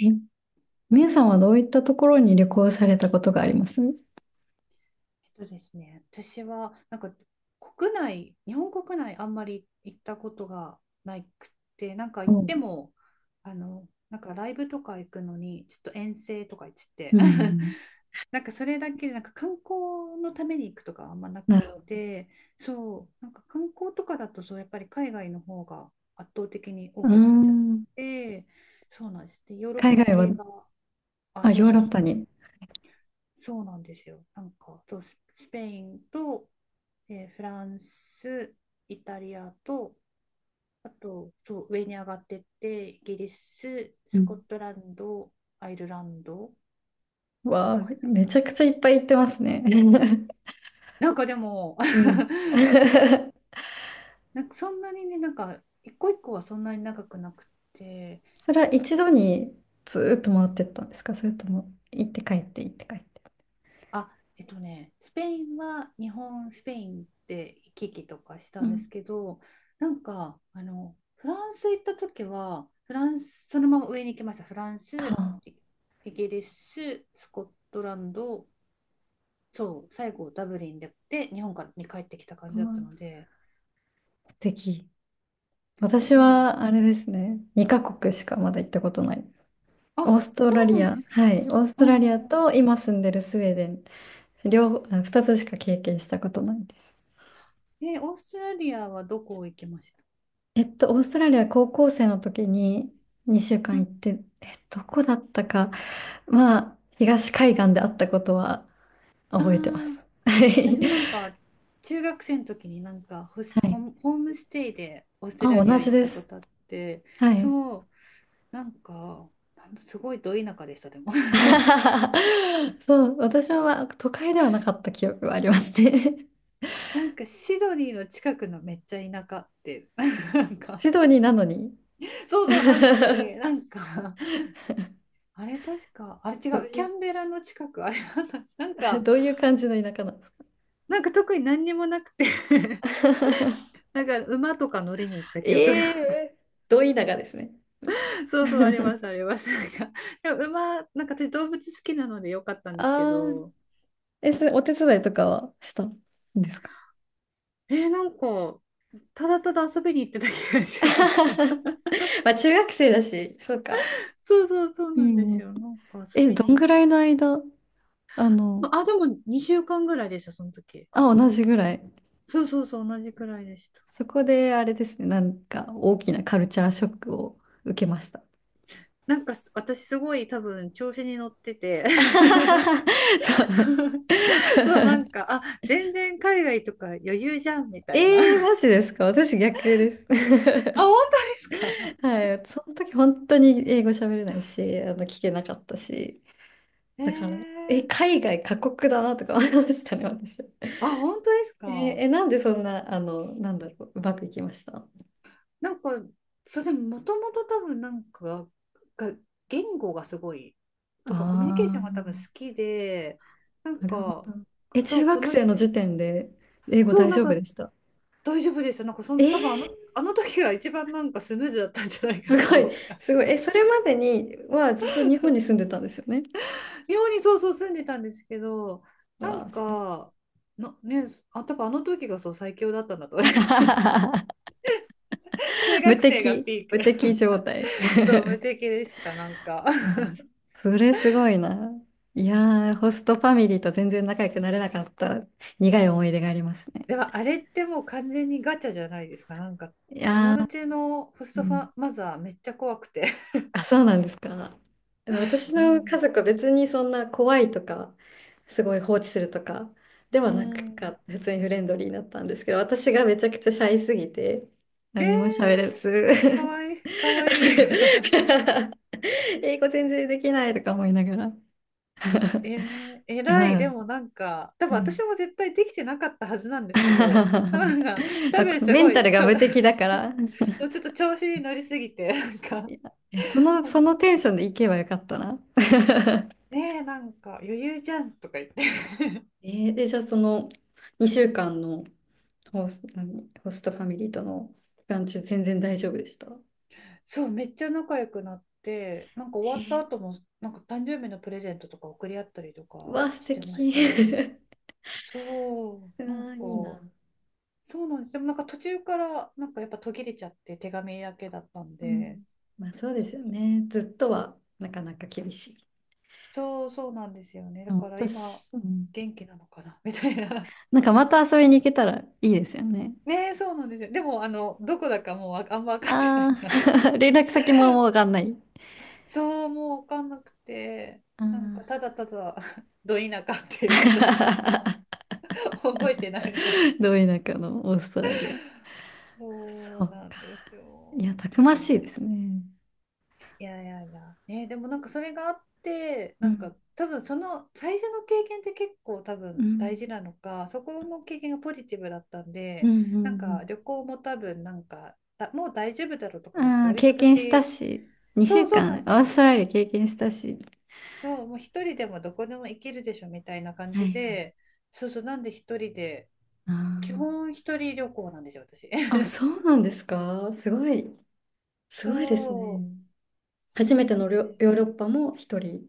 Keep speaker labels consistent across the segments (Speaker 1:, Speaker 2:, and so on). Speaker 1: え、みゆさんはどういったところに旅行されたことがあります？う
Speaker 2: えっとですね、私は国内、日本国内あんまり行ったことがなくて、なんか行っ
Speaker 1: ん、
Speaker 2: ても、ライブとか行くのに、ちょっと遠征とか言って
Speaker 1: う
Speaker 2: て、
Speaker 1: ん。
Speaker 2: なんかそれだけで、なんか観光のために行くとかあんまな
Speaker 1: な
Speaker 2: くっ
Speaker 1: るほ
Speaker 2: て、そう、なんか観光とかだと、そう、やっぱり海外の方が圧倒的に多
Speaker 1: ど。うー
Speaker 2: くなっちゃっ
Speaker 1: ん。
Speaker 2: て、そうなんです。で、ヨーロッ
Speaker 1: 海
Speaker 2: パ
Speaker 1: 外は、
Speaker 2: 系が、あ、
Speaker 1: あ、
Speaker 2: そう
Speaker 1: ヨー
Speaker 2: そう
Speaker 1: ロッ
Speaker 2: そう、
Speaker 1: パに。
Speaker 2: そうなんですよ。スペインと、で、フランス、イタリアと、あと、そう、上に上がってって、イギリス、
Speaker 1: う
Speaker 2: スコ
Speaker 1: ん。
Speaker 2: ットランド、アイルランド
Speaker 1: わ
Speaker 2: とか。
Speaker 1: あ、めちゃくちゃいっぱい行ってますね。
Speaker 2: なんかでも、
Speaker 1: う ん
Speaker 2: なんかそんなにね、なんか、一個一個はそんなに長くなくて、
Speaker 1: それは一度にずーっと回ってったんですか？それとも行って帰って行って帰って？
Speaker 2: あ、えっとね、スペインは日本、スペインで行き来とかした
Speaker 1: う
Speaker 2: んです
Speaker 1: ん。
Speaker 2: けど、なんか、あの、フランス行った時は、フランス、そのまま上に行きました。フラン
Speaker 1: は
Speaker 2: ス、
Speaker 1: あ、
Speaker 2: イイギリス、スコットランド、そう、最後ダブリンで、で日本からに帰ってきた感
Speaker 1: わ
Speaker 2: じだったので、
Speaker 1: あ素敵。私
Speaker 2: そうなんです。
Speaker 1: はあれですね。2カ国しかまだ行ったことない。オー
Speaker 2: あ、
Speaker 1: スト
Speaker 2: そ
Speaker 1: ラ
Speaker 2: うな
Speaker 1: リ
Speaker 2: ん
Speaker 1: ア、
Speaker 2: ですね。
Speaker 1: はい。オース
Speaker 2: う
Speaker 1: トラ
Speaker 2: ん
Speaker 1: リア
Speaker 2: うんう
Speaker 1: と今住んでるスウェーデン両方、あ二つしか経験したことないです。
Speaker 2: ん。え、オーストラリアはどこ行きました？
Speaker 1: えっと、オーストラリア高校生の時に2週
Speaker 2: う
Speaker 1: 間
Speaker 2: ん。
Speaker 1: 行って、え、どこだったか、まあ、東海岸であったことは
Speaker 2: あ
Speaker 1: 覚えてま
Speaker 2: あ、
Speaker 1: す。はい。
Speaker 2: 私もなんか中学生の時になんかホス、
Speaker 1: は
Speaker 2: ホー
Speaker 1: い。
Speaker 2: ムホームステイでオーストラ
Speaker 1: あ、
Speaker 2: リ
Speaker 1: 同
Speaker 2: ア
Speaker 1: じ
Speaker 2: 行っ
Speaker 1: で
Speaker 2: たこ
Speaker 1: す。
Speaker 2: とあって、
Speaker 1: はい。
Speaker 2: そう、なんか、なんだすごいど田舎でした、でも。
Speaker 1: そう、私はまあ都会ではなかった記憶はありますね。
Speaker 2: なんかシドニーの近くのめっちゃ田舎って、なん か、
Speaker 1: シドニーなのに。
Speaker 2: そう そうなのに、
Speaker 1: ど
Speaker 2: なんかあれ確か、あれ違
Speaker 1: う
Speaker 2: う、
Speaker 1: い
Speaker 2: キャ
Speaker 1: う、
Speaker 2: ンベラの近く、あれなんだ、なんか、
Speaker 1: どういう感じの田舎なんですか？
Speaker 2: なんか特に何にもなくて なんか馬とか乗りに行った
Speaker 1: え、
Speaker 2: 記憶が
Speaker 1: えー、ど田舎ですね。
Speaker 2: そうそう、ありま す、あります。なんか、でも馬、なんか私動物好きなのでよかったんですけ
Speaker 1: ああ。
Speaker 2: ど、
Speaker 1: え、それお手伝いとかはしたんですか？
Speaker 2: えー、なんか、ただただ遊びに行ってた気がします。
Speaker 1: まあ中学生だし、そうか。
Speaker 2: そうそうそう
Speaker 1: う
Speaker 2: なんで
Speaker 1: んう
Speaker 2: す
Speaker 1: ん。
Speaker 2: よ。なんか遊
Speaker 1: え、
Speaker 2: び
Speaker 1: ど
Speaker 2: に
Speaker 1: ん
Speaker 2: 行
Speaker 1: ぐらいの間、あの、
Speaker 2: っあ、でも2週間ぐらいでした、その時。
Speaker 1: あ、同じぐらい。
Speaker 2: そうそうそう、同じくらいでした。
Speaker 1: そこであれですね、なんか大きなカルチャーショックを受けました。
Speaker 2: なんかす私すごい多分調子に乗ってて
Speaker 1: そう。
Speaker 2: そう、な んか、あ、全然海外とか余裕じゃんみ
Speaker 1: え
Speaker 2: たいな。
Speaker 1: ー、マ ジですか？私逆です。
Speaker 2: あ、本当ですか？
Speaker 1: はい。その時本当に英語喋れないし、聞けなかったし。
Speaker 2: えー、
Speaker 1: だから、え、海外過酷だなとか思いましたね、私。
Speaker 2: あ、本当です
Speaker 1: えー、
Speaker 2: か？
Speaker 1: え、なんでそんな、なんだろう、うまくいきました？あ
Speaker 2: なんか、そう、でも、もともと多分なんか、が、言語がすごい、
Speaker 1: あ、
Speaker 2: とか、コミュニケーションが多分好
Speaker 1: ー、
Speaker 2: きで、なん
Speaker 1: なるほ
Speaker 2: か、
Speaker 1: ど。え、
Speaker 2: そ
Speaker 1: 中
Speaker 2: う、こ
Speaker 1: 学
Speaker 2: の、
Speaker 1: 生の時点で英語
Speaker 2: そう、
Speaker 1: 大
Speaker 2: なん
Speaker 1: 丈夫
Speaker 2: か、
Speaker 1: でした？
Speaker 2: 大丈夫でした。なんかそ
Speaker 1: え
Speaker 2: ん、多分あ
Speaker 1: ー、
Speaker 2: の、あの時が一番なんかスムーズだったんじゃない
Speaker 1: す
Speaker 2: かと
Speaker 1: ご
Speaker 2: 思
Speaker 1: い、
Speaker 2: うから。
Speaker 1: すごい。え、それまでにはずっと日本に住んでたんですよね。
Speaker 2: 妙にそうそう住んでたんですけど、な
Speaker 1: わ
Speaker 2: ん
Speaker 1: あ、
Speaker 2: か、なね、あ、多分あの時がそう最強だったんだと。中
Speaker 1: 無
Speaker 2: 学生が
Speaker 1: 敵、
Speaker 2: ピー
Speaker 1: 無敵
Speaker 2: ク。
Speaker 1: 状態。
Speaker 2: そう、無 敵でした、なんか。
Speaker 1: あ、 そ、それすごいな。いやー、ホストファミリーと全然仲良くなれなかった苦い思い出がありますね。
Speaker 2: でもあれってもう完全にガチャじゃないですか。なんか
Speaker 1: い
Speaker 2: 友
Speaker 1: やー、
Speaker 2: 達のホス
Speaker 1: う
Speaker 2: トフ
Speaker 1: ん。
Speaker 2: ァマザーめっちゃ怖くて。
Speaker 1: あ、そうなんですか。あの私
Speaker 2: う
Speaker 1: の家
Speaker 2: ん。
Speaker 1: 族は別にそんな怖いとか、すごい放置するとかでは
Speaker 2: う
Speaker 1: なく
Speaker 2: ん。
Speaker 1: か、普通にフレンドリーだったんですけど、私がめちゃくちゃシャイすぎて、
Speaker 2: え
Speaker 1: 何にも喋れ
Speaker 2: ー、か
Speaker 1: ず、
Speaker 2: わいい、かわいい。
Speaker 1: 英語全然できないとか思いながら。
Speaker 2: えー、偉い。
Speaker 1: は
Speaker 2: で
Speaker 1: い。
Speaker 2: もなんか、多分
Speaker 1: うん
Speaker 2: 私も絶対できてなかったはずなんですけど、なんか、多
Speaker 1: なんか
Speaker 2: 分す
Speaker 1: メ
Speaker 2: ご
Speaker 1: ンタ
Speaker 2: い、
Speaker 1: ルが
Speaker 2: ちょ、
Speaker 1: 無敵だから。
Speaker 2: そうちょっと調子に乗りすぎて、なんか、
Speaker 1: いや、いやその、
Speaker 2: ほ
Speaker 1: そ
Speaker 2: ん
Speaker 1: のテンションで行けばよかったな。
Speaker 2: ねえ、なんか余裕じゃんとか言って。
Speaker 1: えーで、じゃあその2週間のホストファミリーとの期間中、全然大丈夫でした？
Speaker 2: そう、めっちゃ仲良くなって、なんか終
Speaker 1: へ
Speaker 2: わった
Speaker 1: え。
Speaker 2: 後も、なんか誕生日のプレゼントとか送り合ったりと
Speaker 1: う
Speaker 2: か
Speaker 1: わ、素
Speaker 2: してまし
Speaker 1: 敵。
Speaker 2: たね。そう、
Speaker 1: う
Speaker 2: なんか、
Speaker 1: わ、いいな。
Speaker 2: そうなんです。でもなんか途中から、なんかやっぱ途切れちゃって、手紙だけだったん
Speaker 1: う
Speaker 2: で、
Speaker 1: ん。まあ、そうですよね。ずっとはなかなか厳しい。
Speaker 2: そう、そうなんですよね。
Speaker 1: で
Speaker 2: だ
Speaker 1: も
Speaker 2: から今、
Speaker 1: 私、うん、
Speaker 2: 元気なのかな みたいな。
Speaker 1: なんかまた遊びに行けたらいいですよね。
Speaker 2: ねえ、そうなんですよ。でも、あの、どこだかもうあんま分かってないん
Speaker 1: あ
Speaker 2: で、あの、
Speaker 1: あ、連絡先ももうわかんない。
Speaker 2: そう、もう分かんなくて、なんか、
Speaker 1: あ
Speaker 2: ただただ、ど田舎っていうことしか
Speaker 1: あ。
Speaker 2: 覚えてないみたいな。
Speaker 1: どい中のオーストラリア。そ
Speaker 2: そう
Speaker 1: う
Speaker 2: な
Speaker 1: か。
Speaker 2: んです
Speaker 1: いや、
Speaker 2: よ。
Speaker 1: たくま
Speaker 2: う
Speaker 1: しい
Speaker 2: ん。
Speaker 1: ですね。
Speaker 2: いやいやいや、ね、でもなんかそれがあって、
Speaker 1: う
Speaker 2: なん
Speaker 1: ん、
Speaker 2: か多分その最初の経験って結構多
Speaker 1: う
Speaker 2: 分大
Speaker 1: ん、
Speaker 2: 事なのか、そこの経験がポジティブだったん
Speaker 1: う
Speaker 2: で、
Speaker 1: ん、うん、
Speaker 2: なん
Speaker 1: う
Speaker 2: か
Speaker 1: ん。
Speaker 2: 旅行も多分なんか、だもう大丈夫だろうとか思って、
Speaker 1: ああ、
Speaker 2: 割と
Speaker 1: 経験した
Speaker 2: 私、
Speaker 1: し、2
Speaker 2: そう
Speaker 1: 週
Speaker 2: そうな
Speaker 1: 間、オ
Speaker 2: んです
Speaker 1: ーストラ
Speaker 2: よ。
Speaker 1: リア経験したし。
Speaker 2: そう、もう一人でもどこでも行けるでしょみたいな感
Speaker 1: は
Speaker 2: じ
Speaker 1: いはい。
Speaker 2: で、そうそう、なんで一人で、
Speaker 1: あ
Speaker 2: 基本一人旅行なんですよ、私。
Speaker 1: あ、あ、そうなんですか。すごい、すごいです
Speaker 2: そう、
Speaker 1: ね。
Speaker 2: そ
Speaker 1: 初
Speaker 2: う
Speaker 1: めて
Speaker 2: なん
Speaker 1: の
Speaker 2: で。
Speaker 1: ヨーロッパも一人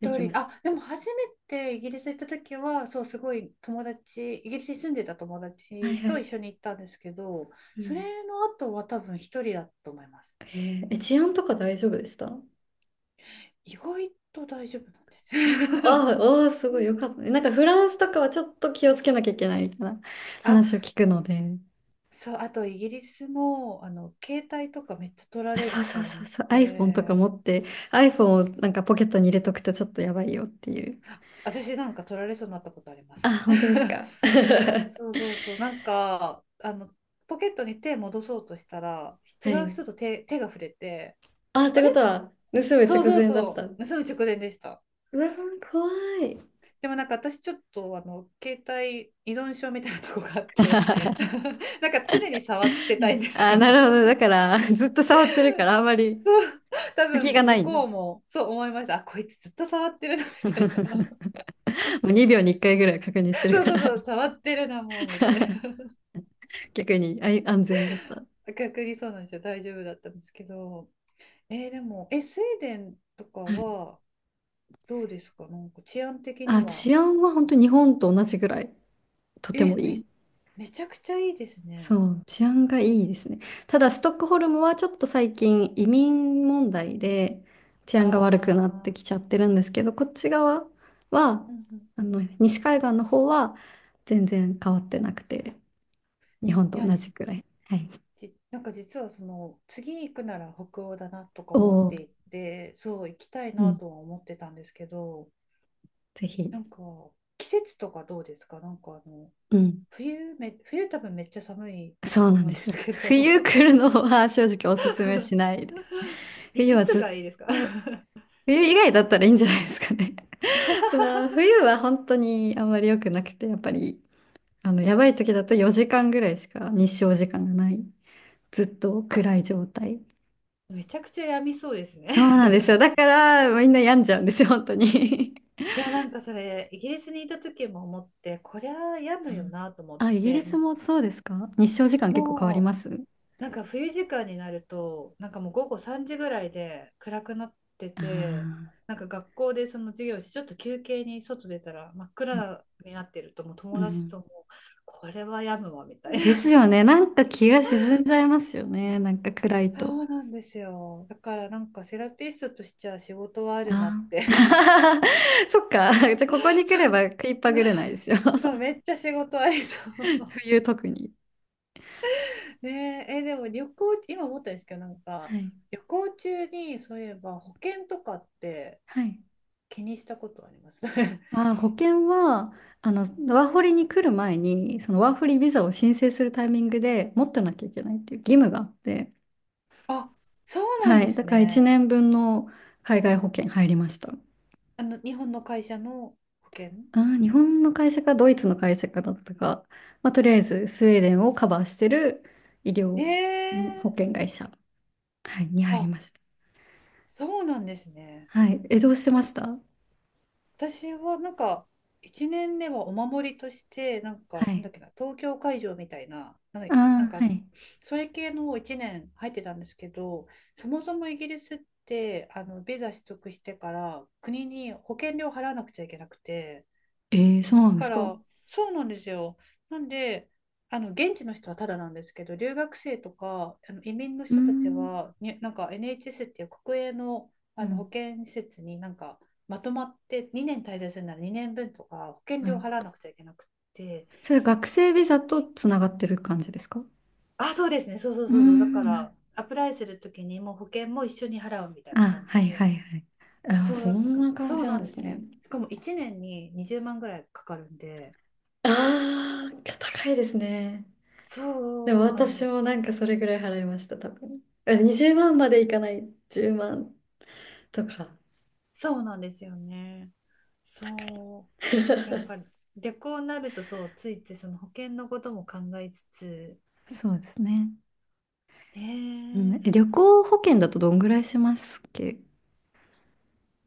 Speaker 1: でき
Speaker 2: 人、
Speaker 1: まし
Speaker 2: あ、でも初めてイギリス行った時は、そう、すごい友達、イギリスに住んでた友
Speaker 1: た。はい
Speaker 2: 達
Speaker 1: は
Speaker 2: と一緒
Speaker 1: い。
Speaker 2: に行ったんですけど、
Speaker 1: う
Speaker 2: そ
Speaker 1: ん。
Speaker 2: れの後は多分一人だと思います。
Speaker 1: へええ、治安とか大丈夫でした？
Speaker 2: 意外と大丈夫な
Speaker 1: あー
Speaker 2: んです。
Speaker 1: あー、ああ、すごいよかったね。なんか フランスとかはちょっと気をつけなきゃいけないみたいな
Speaker 2: あ、
Speaker 1: 話を聞くので。
Speaker 2: そう、あとイギリスも、あの、携帯とかめっちゃ取ら
Speaker 1: あ、
Speaker 2: れ
Speaker 1: そう
Speaker 2: ち
Speaker 1: そ
Speaker 2: ゃ
Speaker 1: う
Speaker 2: う
Speaker 1: そう
Speaker 2: ん
Speaker 1: そう。iPhone とか
Speaker 2: で、
Speaker 1: 持って、iPhone をなんかポケットに入れとくとちょっとやばいよっていう。
Speaker 2: 私なんか取られそうになったことあります。
Speaker 1: あ、本当ですか？
Speaker 2: そうそうそう。なんか、あの、ポケットに手戻そうとしたら、違
Speaker 1: は
Speaker 2: う
Speaker 1: い。
Speaker 2: 人と手が触れて、
Speaker 1: あ、っ
Speaker 2: あ
Speaker 1: て
Speaker 2: れ
Speaker 1: ことは、盗む
Speaker 2: そ
Speaker 1: 直
Speaker 2: うそう
Speaker 1: 前だっ
Speaker 2: そ
Speaker 1: た。
Speaker 2: う。盗む直前でした。
Speaker 1: うわー、怖い。
Speaker 2: でもなんか私ちょっとあの携帯依存症みたいなとこがあって なんか常に触ってたいんです
Speaker 1: あ、
Speaker 2: よ。
Speaker 1: なるほど。だから、ずっと触ってるから、あんま り
Speaker 2: そう、多
Speaker 1: 隙
Speaker 2: 分
Speaker 1: がな
Speaker 2: 向
Speaker 1: いんだ。
Speaker 2: こうもそう思いました、あこいつずっと触ってるなみ たいな。
Speaker 1: もう2秒に1回ぐらい確認し てる
Speaker 2: そう
Speaker 1: か
Speaker 2: そう
Speaker 1: ら、
Speaker 2: そう、触ってるなもうみたいな。
Speaker 1: 逆にあい安全だった。
Speaker 2: 逆にそうなんですよ、大丈夫だったんですけど、えーでもえスウェーデンとか
Speaker 1: はい。
Speaker 2: はどうですか、なんか治安的に
Speaker 1: あ、
Speaker 2: は。
Speaker 1: 治安は本当に日本と同じぐらい、とて
Speaker 2: え、
Speaker 1: もい
Speaker 2: め、
Speaker 1: い。
Speaker 2: めちゃくちゃいいですね。
Speaker 1: そう、治安がいいですね。ただ、ストックホルムはちょっと最近移民問題で治安が悪くなって
Speaker 2: あ
Speaker 1: き
Speaker 2: あ、
Speaker 1: ちゃってるんですけど、こっち側は、
Speaker 2: うんうん。
Speaker 1: 西海岸の方は全然変わってなくて、日本
Speaker 2: い
Speaker 1: と
Speaker 2: や、
Speaker 1: 同
Speaker 2: ち、
Speaker 1: じくらい。はい。
Speaker 2: ち、なんか実はその、次行くなら北欧だなとか
Speaker 1: お
Speaker 2: 思っ
Speaker 1: お、
Speaker 2: ていて、そう、行きたい
Speaker 1: う
Speaker 2: な
Speaker 1: ん、
Speaker 2: とは思ってたんですけど、
Speaker 1: ぜひ。
Speaker 2: なんか、季節とかどうですか？なんかあの、
Speaker 1: うん。
Speaker 2: 冬多分めっちゃ寒い
Speaker 1: そう
Speaker 2: と
Speaker 1: なん
Speaker 2: 思うん
Speaker 1: で
Speaker 2: で
Speaker 1: すよ。
Speaker 2: すけど。
Speaker 1: 冬来るのは 正直おすすめ しないです。
Speaker 2: い、
Speaker 1: 冬
Speaker 2: い
Speaker 1: は
Speaker 2: つ
Speaker 1: ず
Speaker 2: が
Speaker 1: っ
Speaker 2: いいですか？
Speaker 1: と、冬以外だったらいいんじゃないですかね。その 冬は本当にあんまり良くなくて、やっぱりやばい時だと4時間ぐらいしか日照時間がない。ずっと暗い状態。
Speaker 2: めちゃくちゃ病みそうです
Speaker 1: そうなんですよ。
Speaker 2: ね。
Speaker 1: だからみんな病んじゃうんですよ、本当に。
Speaker 2: いや、なんかそれ、イギリスにいた時も思って、こりゃ病むよ なと思
Speaker 1: あ、
Speaker 2: っ
Speaker 1: あイギリ
Speaker 2: て、
Speaker 1: スもそうですか？日照時間結構変わり
Speaker 2: も
Speaker 1: ます？
Speaker 2: うなんか冬時間になると、なんかもう午後3時ぐらいで暗くなってて、
Speaker 1: あ
Speaker 2: なんか学校でその授業して、ちょっと休憩に外出たら真っ暗になってると、もう
Speaker 1: あー、
Speaker 2: 友
Speaker 1: う
Speaker 2: 達と
Speaker 1: ん。
Speaker 2: も、これは病むわみたい
Speaker 1: です
Speaker 2: な。
Speaker 1: よね。なんか気が沈んじゃいますよね。なんか暗い
Speaker 2: そ
Speaker 1: と。
Speaker 2: うなんですよ。だからなんかセラピストとしちゃ仕事はあるなっ
Speaker 1: あ
Speaker 2: て。
Speaker 1: あ。そっか。じゃあここ に来
Speaker 2: そ
Speaker 1: れ
Speaker 2: う、
Speaker 1: ば食いっぱぐれないですよ。
Speaker 2: そうめっちゃ仕事ありそう。
Speaker 1: 冬特に。
Speaker 2: ねえ、え、でも旅行、今思ったんですけど、なん
Speaker 1: は
Speaker 2: か、
Speaker 1: い。
Speaker 2: 旅行中に、そういえば保険とかって
Speaker 1: はい。
Speaker 2: 気にしたことあります？
Speaker 1: あー、保険は、あの、ワーホリに来る前に、そのワーホリビザを申請するタイミングで持ってなきゃいけないっていう義務があって、
Speaker 2: あ、そうなん
Speaker 1: は
Speaker 2: で
Speaker 1: い、だ
Speaker 2: す
Speaker 1: から1
Speaker 2: ね。
Speaker 1: 年分の海外保険入りました。
Speaker 2: あの、日本の会社の保険？
Speaker 1: あー、日本の会社かドイツの会社かだったか、まあ、とりあえずスウェーデンをカバーしてる医療、うん、保
Speaker 2: ええ、
Speaker 1: 険会社、はい、に入り
Speaker 2: あ、
Speaker 1: ました。
Speaker 2: そうなんですね。
Speaker 1: はい、え、どうしてました？
Speaker 2: 私はなんか1年目はお守りとしてなんか
Speaker 1: は
Speaker 2: なん
Speaker 1: い。
Speaker 2: だっけな東京会場みたいな、なんか、なん
Speaker 1: ああ、
Speaker 2: か
Speaker 1: はい。
Speaker 2: それ系の1年入ってたんですけど、そもそもイギリスってあのビザ取得してから国に保険料払わなくちゃいけなくて。
Speaker 1: えー、そうなんで
Speaker 2: か
Speaker 1: すか。
Speaker 2: ら、
Speaker 1: う
Speaker 2: そうなんですよ。なんで、あの現地の人はただなんですけど、留学生とかあの移民の
Speaker 1: ー
Speaker 2: 人たち
Speaker 1: ん、
Speaker 2: は、になんか NHS っていう国営の、
Speaker 1: う
Speaker 2: あの保
Speaker 1: ん、
Speaker 2: 健施設になんかまとまって2年滞在するなら2年分とか保険
Speaker 1: な
Speaker 2: 料
Speaker 1: る
Speaker 2: 払
Speaker 1: ほ
Speaker 2: わ
Speaker 1: ど。
Speaker 2: なくちゃいけなくって、
Speaker 1: それ学
Speaker 2: そう、
Speaker 1: 生ビザとつながってる感じですか？う
Speaker 2: あ、そうですね、そうそう
Speaker 1: ー
Speaker 2: そうそう、だか
Speaker 1: ん、な、
Speaker 2: らアプライするときにもう保険も一緒に払うみたいな
Speaker 1: あ、
Speaker 2: 感じ
Speaker 1: はい
Speaker 2: で、
Speaker 1: はいはい。あー、
Speaker 2: そう、
Speaker 1: そ
Speaker 2: だ
Speaker 1: ん
Speaker 2: から
Speaker 1: な感
Speaker 2: そ
Speaker 1: じ
Speaker 2: う
Speaker 1: な
Speaker 2: な
Speaker 1: ん
Speaker 2: ん
Speaker 1: で
Speaker 2: で
Speaker 1: す
Speaker 2: すよ。
Speaker 1: ね。
Speaker 2: しかも1年に20万ぐらいかかるんで、
Speaker 1: ああ、高いですね。でも
Speaker 2: そうなんで
Speaker 1: 私
Speaker 2: す。
Speaker 1: もなんかそれぐらい払いました、多分。え20万まんまでいかない、10万とか。
Speaker 2: そうなんですよね。
Speaker 1: 高
Speaker 2: そ
Speaker 1: い。
Speaker 2: う。なん か、逆になると、そう、ついついその保険のことも考えつつ、
Speaker 1: そうですね。うん、
Speaker 2: ねえ、
Speaker 1: え
Speaker 2: そう
Speaker 1: 旅
Speaker 2: なんです。
Speaker 1: 行保険だとどんぐらいしますっけ？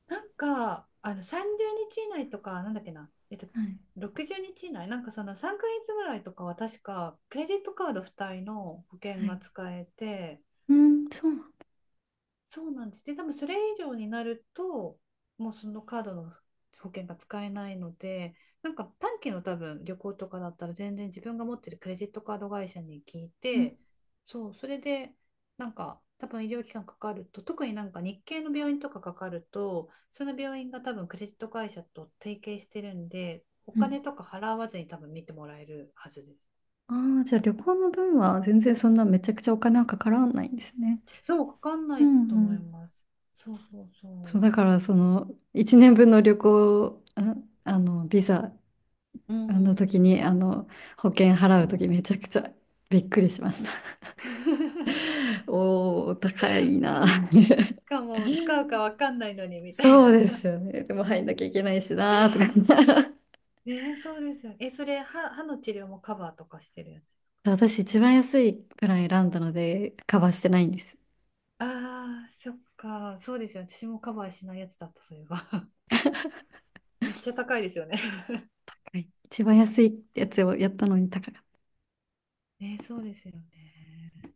Speaker 2: なんか、あの、30日以内とか、なんだっけな、えっと、
Speaker 1: はい。
Speaker 2: 60日以内、なんかその3ヶ月ぐらいとかは確か、クレジットカード付帯の保
Speaker 1: は
Speaker 2: 険が
Speaker 1: い。
Speaker 2: 使えて、
Speaker 1: うん、そう。
Speaker 2: そうなんです。で、多分それ以上になると、もうそのカードの保険が使えないので、なんか短期の多分旅行とかだったら全然自分が持ってるクレジットカード会社に聞い
Speaker 1: うん、
Speaker 2: て、そう、それでなんか多分医療機関かかると、特になんか日系の病院とかかかると、その病院が多分クレジット会社と提携してるんで、お
Speaker 1: う
Speaker 2: 金
Speaker 1: ん。
Speaker 2: とか払わずに多分見てもらえるはずです。
Speaker 1: ああ、じゃあ旅行の分は全然そんなめちゃくちゃお金はかからないんですね。
Speaker 2: そう、かかんな
Speaker 1: う
Speaker 2: い
Speaker 1: ん
Speaker 2: と
Speaker 1: う
Speaker 2: 思い
Speaker 1: ん。
Speaker 2: ます。そうそう
Speaker 1: そう、
Speaker 2: そ
Speaker 1: だからその1年分の旅行、あ、あのビザ
Speaker 2: う。うー
Speaker 1: あの
Speaker 2: ん。
Speaker 1: 時にあの保険払う時めちゃくちゃびっくりしました。おお、高いな。
Speaker 2: そう かも使うかわかんないのにみたい
Speaker 1: そうで
Speaker 2: な。
Speaker 1: すよね。でも入んなきゃいけないしなとか。
Speaker 2: えー、そうですよね。え、それ歯、歯の治療もカバーとかしてるやつ？
Speaker 1: 私一番安いプラン選んだのでカバーしてないんです。
Speaker 2: ああ、そっか。そうですよね。私もカバーしないやつだった、それは。めっちゃ高いですよね。
Speaker 1: はい一番安いやつをやったのに高い。
Speaker 2: えー、そうですよね。